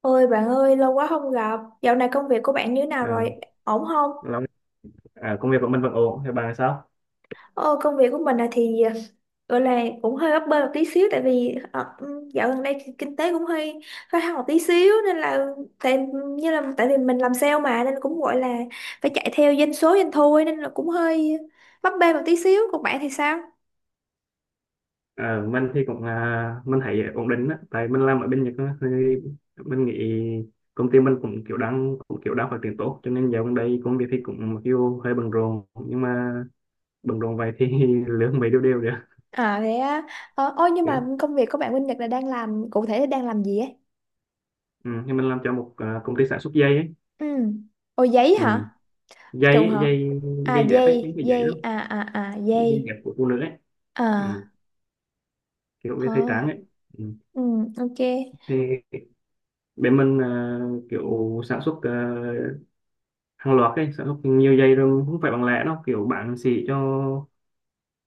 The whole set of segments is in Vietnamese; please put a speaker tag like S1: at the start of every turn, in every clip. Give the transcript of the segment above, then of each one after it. S1: Ôi bạn ơi, lâu quá không gặp. Dạo này công việc của bạn như thế nào
S2: à,
S1: rồi? Ổn không?
S2: Long à, công việc của mình vẫn ổn, thì bà sao?
S1: Ờ, công việc của mình gọi là cũng hơi bấp bênh một tí xíu tại vì dạo gần đây kinh tế cũng hơi hơi hao một tí xíu nên là tại như là tại vì mình làm sale mà nên cũng gọi là phải chạy theo doanh số doanh thu ấy, nên là cũng hơi bấp bênh một tí xíu. Còn bạn thì sao?
S2: Mình thì cũng mình thấy ổn định á, tại mình làm ở bên Nhật á, thì mình nghĩ công ty mình cũng kiểu đang phát triển tốt, cho nên dạo gần đây công việc thì cũng mặc dù hơi bận rộn, nhưng mà bận rộn vậy thì lương mấy đều đều được.
S1: À thế á. Ôi nhưng mà
S2: Okay.
S1: công việc của bạn Minh Nhật đang làm cụ thể là đang làm gì ấy?
S2: Ừ, thì mình làm cho một công ty sản xuất dây ấy.
S1: Ừ. Ồ giấy
S2: Ừ,
S1: hả?
S2: dây
S1: Trùng
S2: ấy,
S1: hợp.
S2: dây
S1: À
S2: dây dẹp ấy, những
S1: dây
S2: cái dây đó,
S1: dây à
S2: dây
S1: dây.
S2: dẹp của phụ nữ ấy.
S1: À.
S2: Ừ, kiểu về
S1: Ờ.
S2: thời trang ấy. Ừ.
S1: ừ, ok.
S2: Thì bên mình kiểu sản xuất hàng loạt ấy, sẽ học nhiều giây rồi, không phải bằng lẻ đâu, kiểu bạn xỉ cho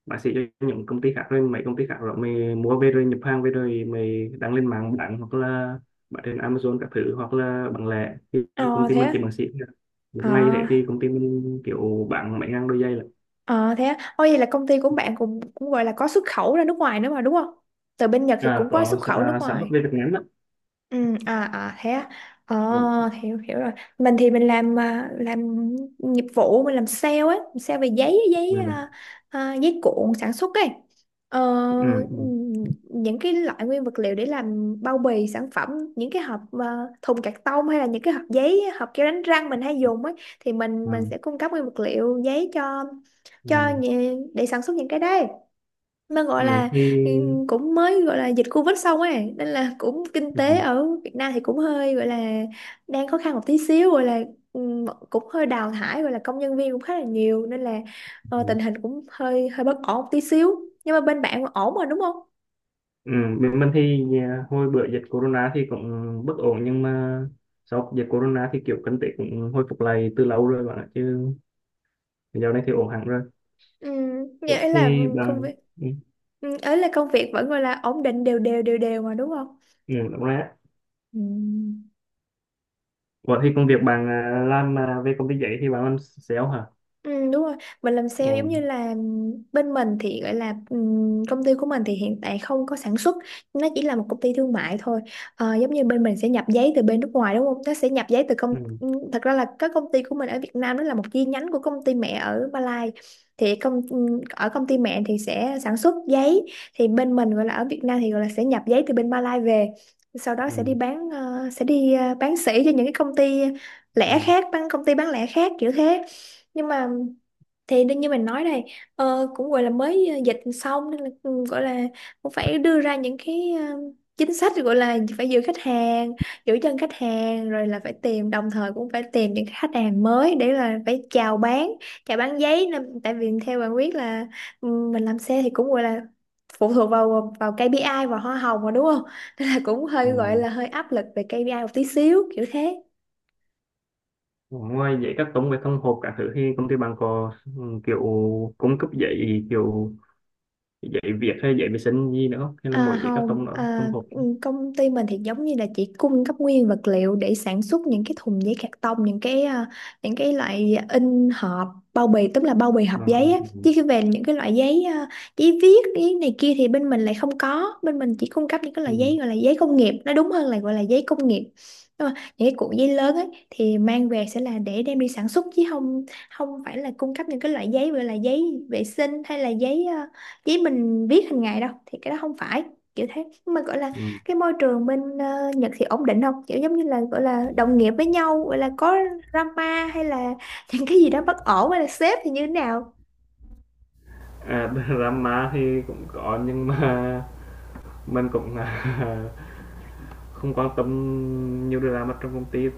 S2: bạn xỉ cho những công ty khác, rồi mấy công ty khác rồi mày mua về rồi nhập hàng về rồi mày đăng lên mạng bạn, hoặc là bạn trên Amazon các thứ, hoặc là bằng lẻ thì công
S1: Ờ
S2: ty
S1: thế
S2: mình
S1: á.
S2: chỉ bằng xỉ thôi. Một
S1: Ờ
S2: ngày thế thì công ty mình kiểu bạn mấy ngàn đôi giày là.
S1: ờ thế á. Ôi vậy là công ty của bạn cũng cũng gọi là có xuất khẩu ra nước ngoài nữa mà đúng không, từ bên Nhật thì cũng có
S2: Có.
S1: xuất khẩu nước
S2: Sản xuất
S1: ngoài.
S2: về Việt Nam đó.
S1: Ừ, à thế à. Ờ.
S2: Ừ.
S1: Hiểu, hiểu rồi. Mình thì mình làm làm nghiệp vụ, mình làm sale ấy, làm sale về giấy, giấy
S2: Ừ.
S1: giấy cuộn sản xuất ấy. ờ,
S2: Ừ. Ừ.
S1: ừm, những cái loại nguyên vật liệu để làm bao bì sản phẩm, những cái hộp thùng cạc tông hay là những cái hộp giấy, hộp keo đánh răng mình hay dùng ấy thì mình
S2: À.
S1: mình sẽ cung cấp nguyên vật liệu giấy cho
S2: Ừ.
S1: để sản xuất những cái đấy, nó
S2: Ừ.
S1: gọi là
S2: Thì.
S1: cũng mới gọi là dịch Covid xong ấy nên là cũng kinh tế ở Việt Nam thì cũng hơi gọi là đang khó khăn một tí xíu, gọi là cũng hơi đào thải gọi là công nhân viên cũng khá là nhiều nên là
S2: Ừ.
S1: tình hình cũng hơi hơi bất ổn một tí xíu, nhưng mà bên bạn ổn rồi đúng không?
S2: Ừ, bên mình thì hồi bữa dịch corona thì cũng bất ổn, nhưng mà sau dịch corona thì kiểu kinh tế cũng hồi phục lại từ lâu rồi bạn ạ, chứ dạo này thì ổn hẳn rồi.
S1: Ừ,
S2: Vậy
S1: nghĩa là
S2: thì
S1: công
S2: bạn.
S1: việc
S2: Ừ,
S1: ấy là công việc vẫn gọi là ổn định đều đều đều đều mà đúng không?
S2: ừ, đúng rồi á.
S1: Ừ.
S2: Vậy thì công việc bạn làm về công ty giấy thì bạn làm sale hả?
S1: Ừ, đúng rồi, mình làm sale giống như
S2: Ừ.
S1: là bên mình thì gọi là công ty của mình thì hiện tại không có sản xuất, nó chỉ là một công ty thương mại thôi. Ờ, giống như bên mình sẽ nhập giấy từ bên nước ngoài đúng không, nó sẽ nhập giấy từ công
S2: Ừ.
S1: thật ra là các công ty của mình ở Việt Nam đó là một chi nhánh của công ty mẹ ở Malai, thì công ở công ty mẹ thì sẽ sản xuất giấy, thì bên mình gọi là ở Việt Nam thì gọi là sẽ nhập giấy từ bên Malai về, sau đó sẽ đi
S2: Ừ.
S1: bán sẽ đi bán sỉ cho những cái công ty lẻ
S2: Ừ.
S1: khác, bán công ty bán lẻ khác kiểu thế. Nhưng mà thì đương như mình nói đây, cũng gọi là mới dịch xong nên là cũng gọi là cũng phải đưa ra những cái chính sách gọi là phải giữ khách hàng, giữ chân khách hàng, rồi là phải tìm, đồng thời cũng phải tìm những khách hàng mới để là phải chào bán, chào bán giấy nên tại vì theo bạn biết là ừ, mình làm xe thì cũng gọi là phụ thuộc vào vào KPI và hoa hồng mà đúng không nên là cũng hơi gọi
S2: Ừ.
S1: là hơi áp lực về KPI một tí xíu kiểu thế.
S2: Ngoài giấy các tông về thông hộp cả thứ thì công ty bạn có kiểu cung cấp giấy kiểu giấy viết hay giấy vệ sinh gì nữa không, hay là
S1: À,
S2: mỗi giấy các tông
S1: không,
S2: đó thông hộp?
S1: công ty mình thì giống như là chỉ cung cấp nguyên vật liệu để sản xuất những cái thùng giấy cạc tông, những cái những cái loại in hộp bao bì, tức là bao bì hộp
S2: Ờ. Ừ.
S1: giấy á.
S2: Ừ.
S1: Chứ khi về những cái loại giấy giấy viết, giấy này kia thì bên mình lại không có, bên mình chỉ cung cấp những cái loại
S2: Ừ.
S1: giấy gọi là giấy công nghiệp, nó đúng hơn là gọi là giấy công nghiệp. Nhưng mà những cái cuộn giấy lớn ấy thì mang về sẽ là để đem đi sản xuất chứ không, không phải là cung cấp những cái loại giấy gọi là giấy vệ sinh hay là giấy chỉ mình viết hàng ngày đâu, thì cái đó không phải kiểu thế. Nhưng mà gọi là
S2: Ừ.
S1: cái môi trường bên Nhật thì ổn định không, kiểu giống như là gọi là đồng nghiệp với nhau gọi là có drama hay là những cái gì đó bất ổn hay là sếp thì như thế nào?
S2: À, drama thì cũng có, nhưng mà mình cũng, không quan tâm nhiều drama trong công ty.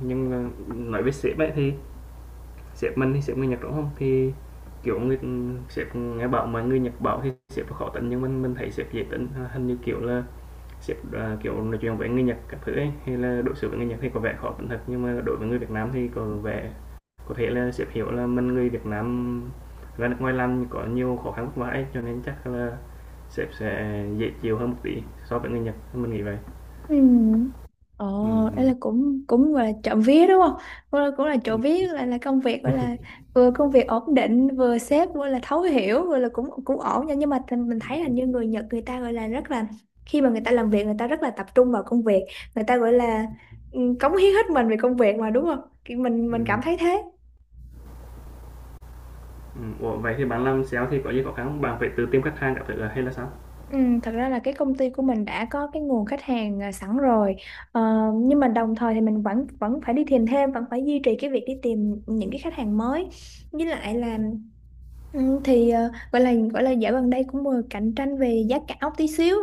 S2: Nhưng mà nói về sếp ấy thì sếp mình thì sếp người Nhật, đúng không? Thì kiểu người sếp nghe bảo mà người Nhật bảo thì sếp khó tính, nhưng mình thấy sếp dễ tính, hình như kiểu là sếp, kiểu nói chuyện với người Nhật các thứ ấy, hay là đối xử với người Nhật thì có vẻ khó tính thật, nhưng mà đối với người Việt Nam thì có vẻ có thể là sếp hiểu là mình người Việt Nam ra nước ngoài làm có nhiều khó khăn vất vả, cho nên chắc là sếp sẽ dễ chịu hơn một tí so với người Nhật, mình nghĩ vậy.
S1: Ừ.
S2: Ừm,
S1: Ồ, đây
S2: ừm.
S1: là cũng cũng gọi là trộm vía đúng không? Cũng là trộm
S2: Ừm.
S1: vía là công việc gọi là vừa công việc ổn định, vừa sếp vừa là thấu hiểu, vừa là cũng cũng ổn nha. Nhưng mà mình thấy là
S2: Ừm.
S1: như người Nhật người ta gọi là rất là khi mà người ta làm việc người ta rất là tập trung vào công việc, người ta gọi là ừ, cống hiến hết mình về công việc mà đúng không? Kiểu mình cảm thấy thế.
S2: Ủa, vậy thì bạn làm sale thì có gì khó khăn không? Bạn phải tự tìm khách hàng các thứ à, hay là sao?
S1: Ừ, thật ra là cái công ty của mình đã có cái nguồn khách hàng sẵn rồi, ờ, nhưng mà đồng thời thì mình vẫn vẫn phải đi tìm thêm, vẫn phải duy trì cái việc đi tìm những cái khách hàng mới với lại là ừ, thì gọi là dạo gần đây cũng vừa cạnh tranh về giá cả một tí xíu.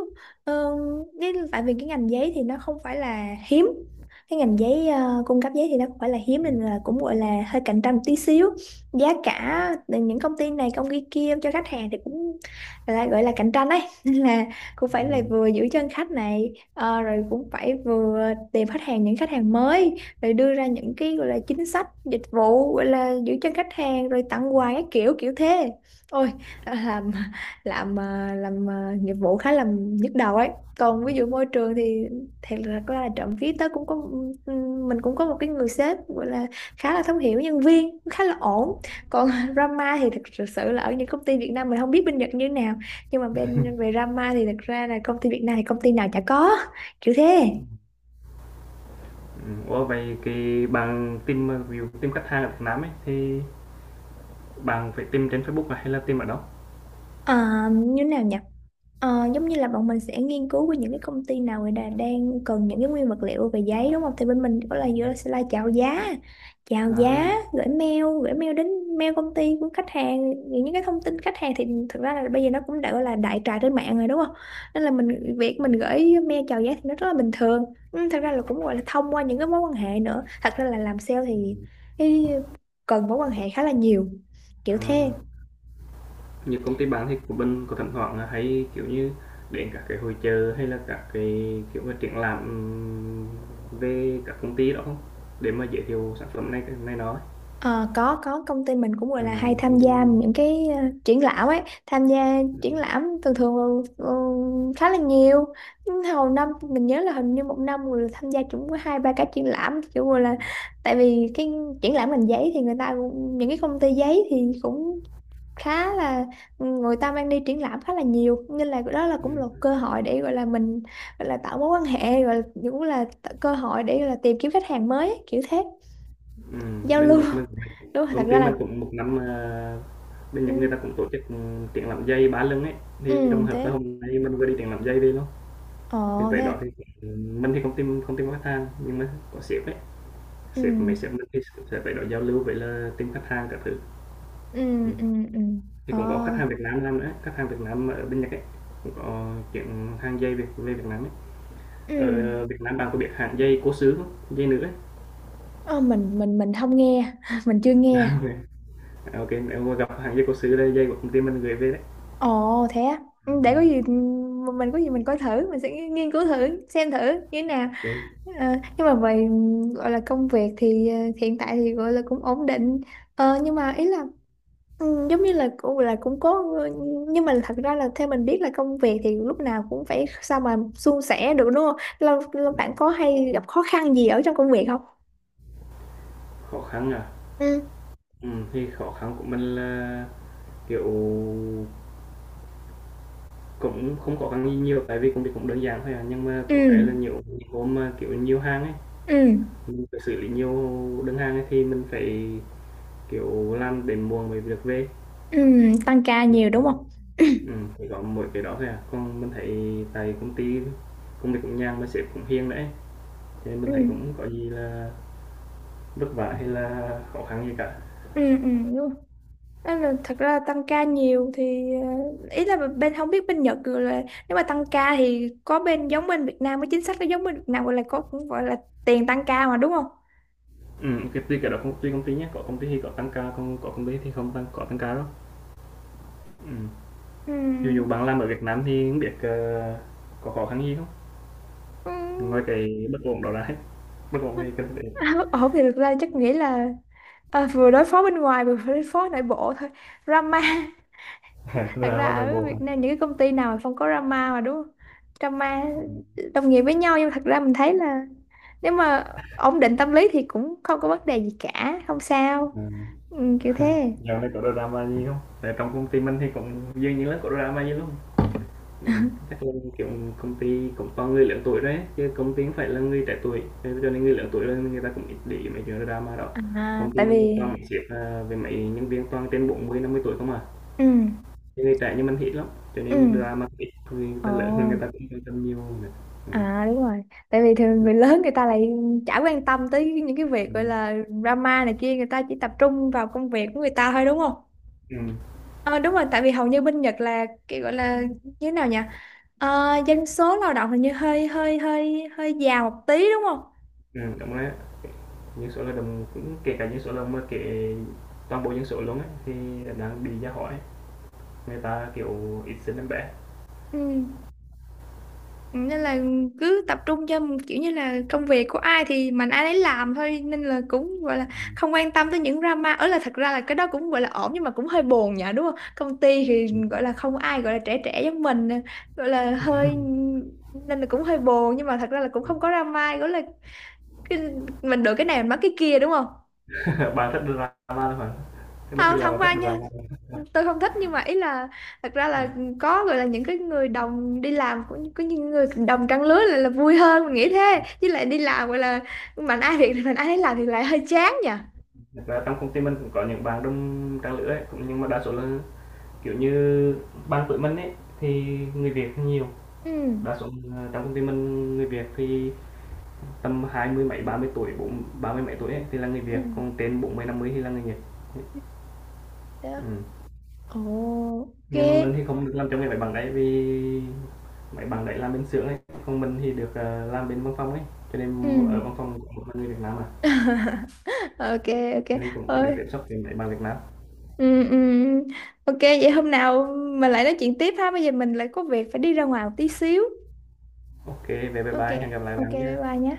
S1: Ờ, cái tại vì cái ngành giấy thì nó không phải là hiếm, cái ngành giấy cung cấp giấy thì nó không phải là hiếm nên
S2: Ừm,
S1: là cũng gọi là hơi cạnh tranh một tí xíu, giá cả từ những công ty này công ty kia cho khách hàng thì cũng là gọi là cạnh tranh đấy nên là cũng phải là
S2: ừm,
S1: vừa giữ chân khách này, rồi cũng phải vừa tìm khách hàng, những khách hàng mới, rồi đưa ra những cái gọi là chính sách dịch vụ gọi là giữ chân khách hàng rồi tặng
S2: ừm.
S1: quà các kiểu kiểu thế. Ôi, à, làm làm nghiệp vụ khá là nhức đầu ấy. Còn ví dụ môi trường thì thật ra là trộm vía tớ cũng có mình cũng có một cái người sếp gọi là khá là thấu hiểu nhân viên, khá là ổn. Còn drama thì thật sự sự là ở những công ty Việt Nam, mình không biết bên Nhật như thế nào nhưng mà bên về drama thì thật ra là công ty Việt Nam thì công ty nào chả có kiểu thế.
S2: Ủa, vậy cái bạn tìm, ví dụ tìm khách hàng ở Việt Nam ấy, thì bạn phải tìm trên Facebook à, hay là tìm ở đâu?
S1: À, như thế nào nhỉ. Ờ, giống như là bọn mình sẽ nghiên cứu với những cái công ty nào người ta đang cần những cái nguyên vật liệu về giấy đúng không? Thì bên mình có là vừa sẽ là chào
S2: À.
S1: giá, gửi mail đến mail công ty của khách hàng, những cái thông tin khách hàng thì thực ra là bây giờ nó cũng đã gọi là đại trà trên mạng rồi đúng không? Nên là mình, việc mình gửi mail chào giá thì nó rất là bình thường. Ừ, thật ra là cũng gọi là thông qua những cái mối quan hệ nữa. Thật ra là làm sale thì
S2: Ừm.
S1: cái cần mối quan hệ khá là nhiều. Kiểu
S2: À.
S1: thế.
S2: Như công ty bán thì của mình có thỉnh thoảng hay kiểu như đến các cái hội chợ hay là các cái kiểu mà triển lãm về các công ty đó không, để mà giới thiệu sản phẩm này này đó?
S1: Ờ, có công ty mình cũng gọi
S2: à,
S1: là hay tham
S2: Công ty
S1: gia
S2: mình.
S1: những cái triển lãm ấy, tham gia
S2: Ừ.
S1: triển lãm thường thường khá là nhiều. Nhưng hầu năm mình nhớ là hình như một năm người tham gia cũng có hai ba cái triển lãm kiểu gọi là
S2: Ừ.
S1: tại vì cái triển lãm ngành giấy thì những cái công ty giấy thì cũng khá là ừ, người ta mang đi triển lãm khá là nhiều nên là đó là cũng là một cơ
S2: Ừ.
S1: hội để gọi là mình gọi là tạo mối quan hệ, gọi là cũng là cơ hội để gọi là tìm kiếm khách hàng mới ấy, kiểu thế,
S2: Ừ.
S1: giao
S2: Bên
S1: lưu
S2: Nhật mình cũng vậy.
S1: đúng rồi, thật
S2: Công
S1: ra
S2: ty
S1: là
S2: mình cũng một năm bên
S1: ừ.
S2: Nhật người ta cũng tổ chức triển lãm dây ba lưng ấy. Thì trong
S1: Ừ
S2: hợp tới
S1: thế.
S2: hôm nay mình vừa đi triển lãm dây về luôn.
S1: Ờ.
S2: Thì
S1: Thế
S2: tới
S1: à?
S2: đó thì ừ, mình thì không tìm khách hàng, nhưng mà có sếp ấy.
S1: Ừ.
S2: Mấy sếp mình thì sẽ phải đó giao lưu với là team khách hàng các thứ.
S1: Ừ.
S2: Ừm,
S1: Ừ. Ừ.
S2: thì
S1: Ờ.
S2: cũng có khách hàng Việt Nam làm nữa, khách hàng Việt Nam ở bên Nhật ấy, cũng có chuyện hàng dây Việt về Việt Nam ấy.
S1: Ừ.
S2: Ở Việt Nam bạn có biết hãng dây cố xứ không? Giày nữ ấy.
S1: Ờ mình không nghe mình chưa
S2: À
S1: nghe.
S2: vậy, nếu mà gặp hàng dây cố xứ đây, dây của công ty mình gửi về đấy.
S1: Ồ thế á. Ừ, để có gì
S2: Ừm,
S1: mình có gì mình coi thử, mình sẽ nghiên cứu thử xem thử như thế nào.
S2: ô kê.
S1: Ờ, nhưng mà về ừ, gọi là công việc thì hiện tại thì gọi là cũng ổn định. Ờ nhưng mà ý là ừ, giống như là cũng có, nhưng mà thật ra là theo mình biết là công việc thì lúc nào cũng phải sao mà suôn sẻ được đúng không? Là bạn có hay gặp khó khăn gì ở trong công việc không?
S2: Khó khăn à?
S1: Ừ.
S2: Thì khó khăn của mình là kiểu cũng không có khăn gì nhiều, tại vì công việc cũng đơn giản thôi à, nhưng mà
S1: Ừ.
S2: có cái là nhiều những hôm mà kiểu nhiều hàng ấy,
S1: Ừ.
S2: mình phải xử lý nhiều đơn hàng ấy thì mình phải kiểu làm đến muộn mới được về.
S1: Ừ. Tăng ca nhiều
S2: Đó,
S1: đúng không?
S2: chỉ có mỗi cái đó thôi à, còn mình thấy tại công ty công việc cũng nhàn mà sếp cũng hiền đấy, cho nên mình
S1: Ừ.
S2: thấy cũng có gì là vất vả hay là khó khăn gì cả.
S1: Ừ. Ừ. Đúng rồi. Đó là thật ra tăng ca nhiều thì ý là bên không biết bên Nhật rồi là nếu mà tăng ca thì có bên giống bên Việt Nam, cái chính sách nó giống bên Việt Nam gọi là có cũng gọi là tiền tăng ca mà đúng không?
S2: Cái tùy cái đó, tùy công ty nhé, có công ty thì có tăng ca, còn có công ty thì không tăng có tăng ca đâu. Ừm,
S1: Ừ.
S2: dù dụ bạn làm ở Việt Nam thì không biết, có khó khăn gì không?
S1: Ừ.
S2: Ngoài cái bất ổn đó ra ấy, bất ổn về kinh tế.
S1: Ổn thì thực ra chắc nghĩ là vừa đối phó bên ngoài vừa đối phó nội bộ thôi. Drama.
S2: Là
S1: Thật ra
S2: drama nội
S1: ở
S2: bộ hả?
S1: Việt Nam những cái công ty nào mà không có drama mà đúng không? Drama
S2: Ừm.
S1: đồng nghiệp với nhau, nhưng mà thật ra mình thấy là nếu mà ổn định tâm lý thì cũng không có vấn đề gì cả, không sao.
S2: À.
S1: Ừ, kiểu thế.
S2: Dạo này có drama gì không? Tại trong công ty mình thì cũng dường như là có drama nhiều lắm. Chắc là kiểu công ty cũng toàn người lớn tuổi đấy, chứ công ty không phải là người trẻ tuổi, nên cho nên người lớn tuổi rồi người ta cũng ít để ý mấy chuyện drama đó.
S1: À,
S2: Công ty
S1: tại
S2: mình thì
S1: vì
S2: toàn mấy sếp, với mấy nhân viên toàn trên 40 50 tuổi không à,
S1: ừ.
S2: chứ người trẻ như mình thì ít lắm, cho
S1: Ừ.
S2: nên drama ít thôi, người ta lớn rồi người ta
S1: Ồ.
S2: cũng quan tâm nhiều nữa. Ừm,
S1: À đúng rồi, tại vì thường
S2: ừm,
S1: người lớn người ta lại chả quan tâm tới những cái việc gọi là drama này kia, người ta chỉ tập trung vào công việc của người ta thôi đúng không?
S2: ừm,
S1: Ờ đúng rồi, tại vì hầu như bên Nhật là cái gọi là như thế nào nhỉ? Ờ, dân số lao động hình như hơi hơi hơi hơi già một tí đúng không?
S2: đúng đấy. Những số lao động cũng kể cả những số lao động mà kể toàn bộ những số luôn ấy thì đang bị ra hỏi. Người ta kiểu ít sinh em bé.
S1: Ừ. Ừ, nên là cứ tập trung cho kiểu như là công việc của ai thì mình ai đấy làm thôi nên là cũng gọi là không quan tâm tới những drama ở là thật ra là cái đó cũng gọi là ổn, nhưng mà cũng hơi buồn nhỉ đúng không, công ty thì gọi là không ai gọi là trẻ trẻ giống mình gọi là hơi, nên là cũng hơi buồn, nhưng mà thật ra là cũng không có drama gọi là cái, mình được cái này mình mất cái kia đúng không.
S2: Bạn thích drama luôn hả? Cái
S1: Ờ,
S2: lúc đi
S1: không
S2: làm
S1: thông
S2: bạn
S1: qua
S2: thích
S1: nha,
S2: drama?
S1: tôi không thích, nhưng mà ý là thật ra là có gọi là những cái người đồng đi làm, có những người đồng trang lứa là vui hơn mình nghĩ thế, chứ lại đi làm gọi là mạnh ai việc thì mạnh ai nấy làm thì lại hơi chán nhỉ.
S2: Thật ra trong công ty mình cũng có những bạn đông trang lứa ấy cũng, nhưng mà đa số là kiểu như ban tuổi mình ấy thì người Việt thì nhiều.
S1: Ừ.
S2: Đa số là trong công ty mình, người Việt thì tầm hai mươi mấy, 30 tuổi, bốn, 30 mấy tuổi ấy, thì là người Việt, còn
S1: Ừ.
S2: trên 40 50 thì là người Nhật.
S1: Thế.
S2: Ừ.
S1: Ồ, ok.
S2: Nhưng mà mình thì không được làm trong cái máy bằng đấy, vì máy bằng đấy làm bên xưởng ấy, còn mình thì được, làm bên văn phòng ấy, cho
S1: Ừ.
S2: nên ở văn phòng có một mình người Việt Nam mà.
S1: Ok. Ok.
S2: Cho nên cũng chỉ được tiếp
S1: Ơi.
S2: xúc với mấy bằng Việt Nam.
S1: Ừ, ừ. Ừ. Ok, vậy hôm nào mình lại nói chuyện tiếp ha, bây giờ mình lại có việc phải đi ra ngoài một tí xíu.
S2: Ok, kê, bye
S1: Ok.
S2: bye, hẹn gặp lại
S1: Ok
S2: bạn
S1: bye
S2: nhá.
S1: bye nhé.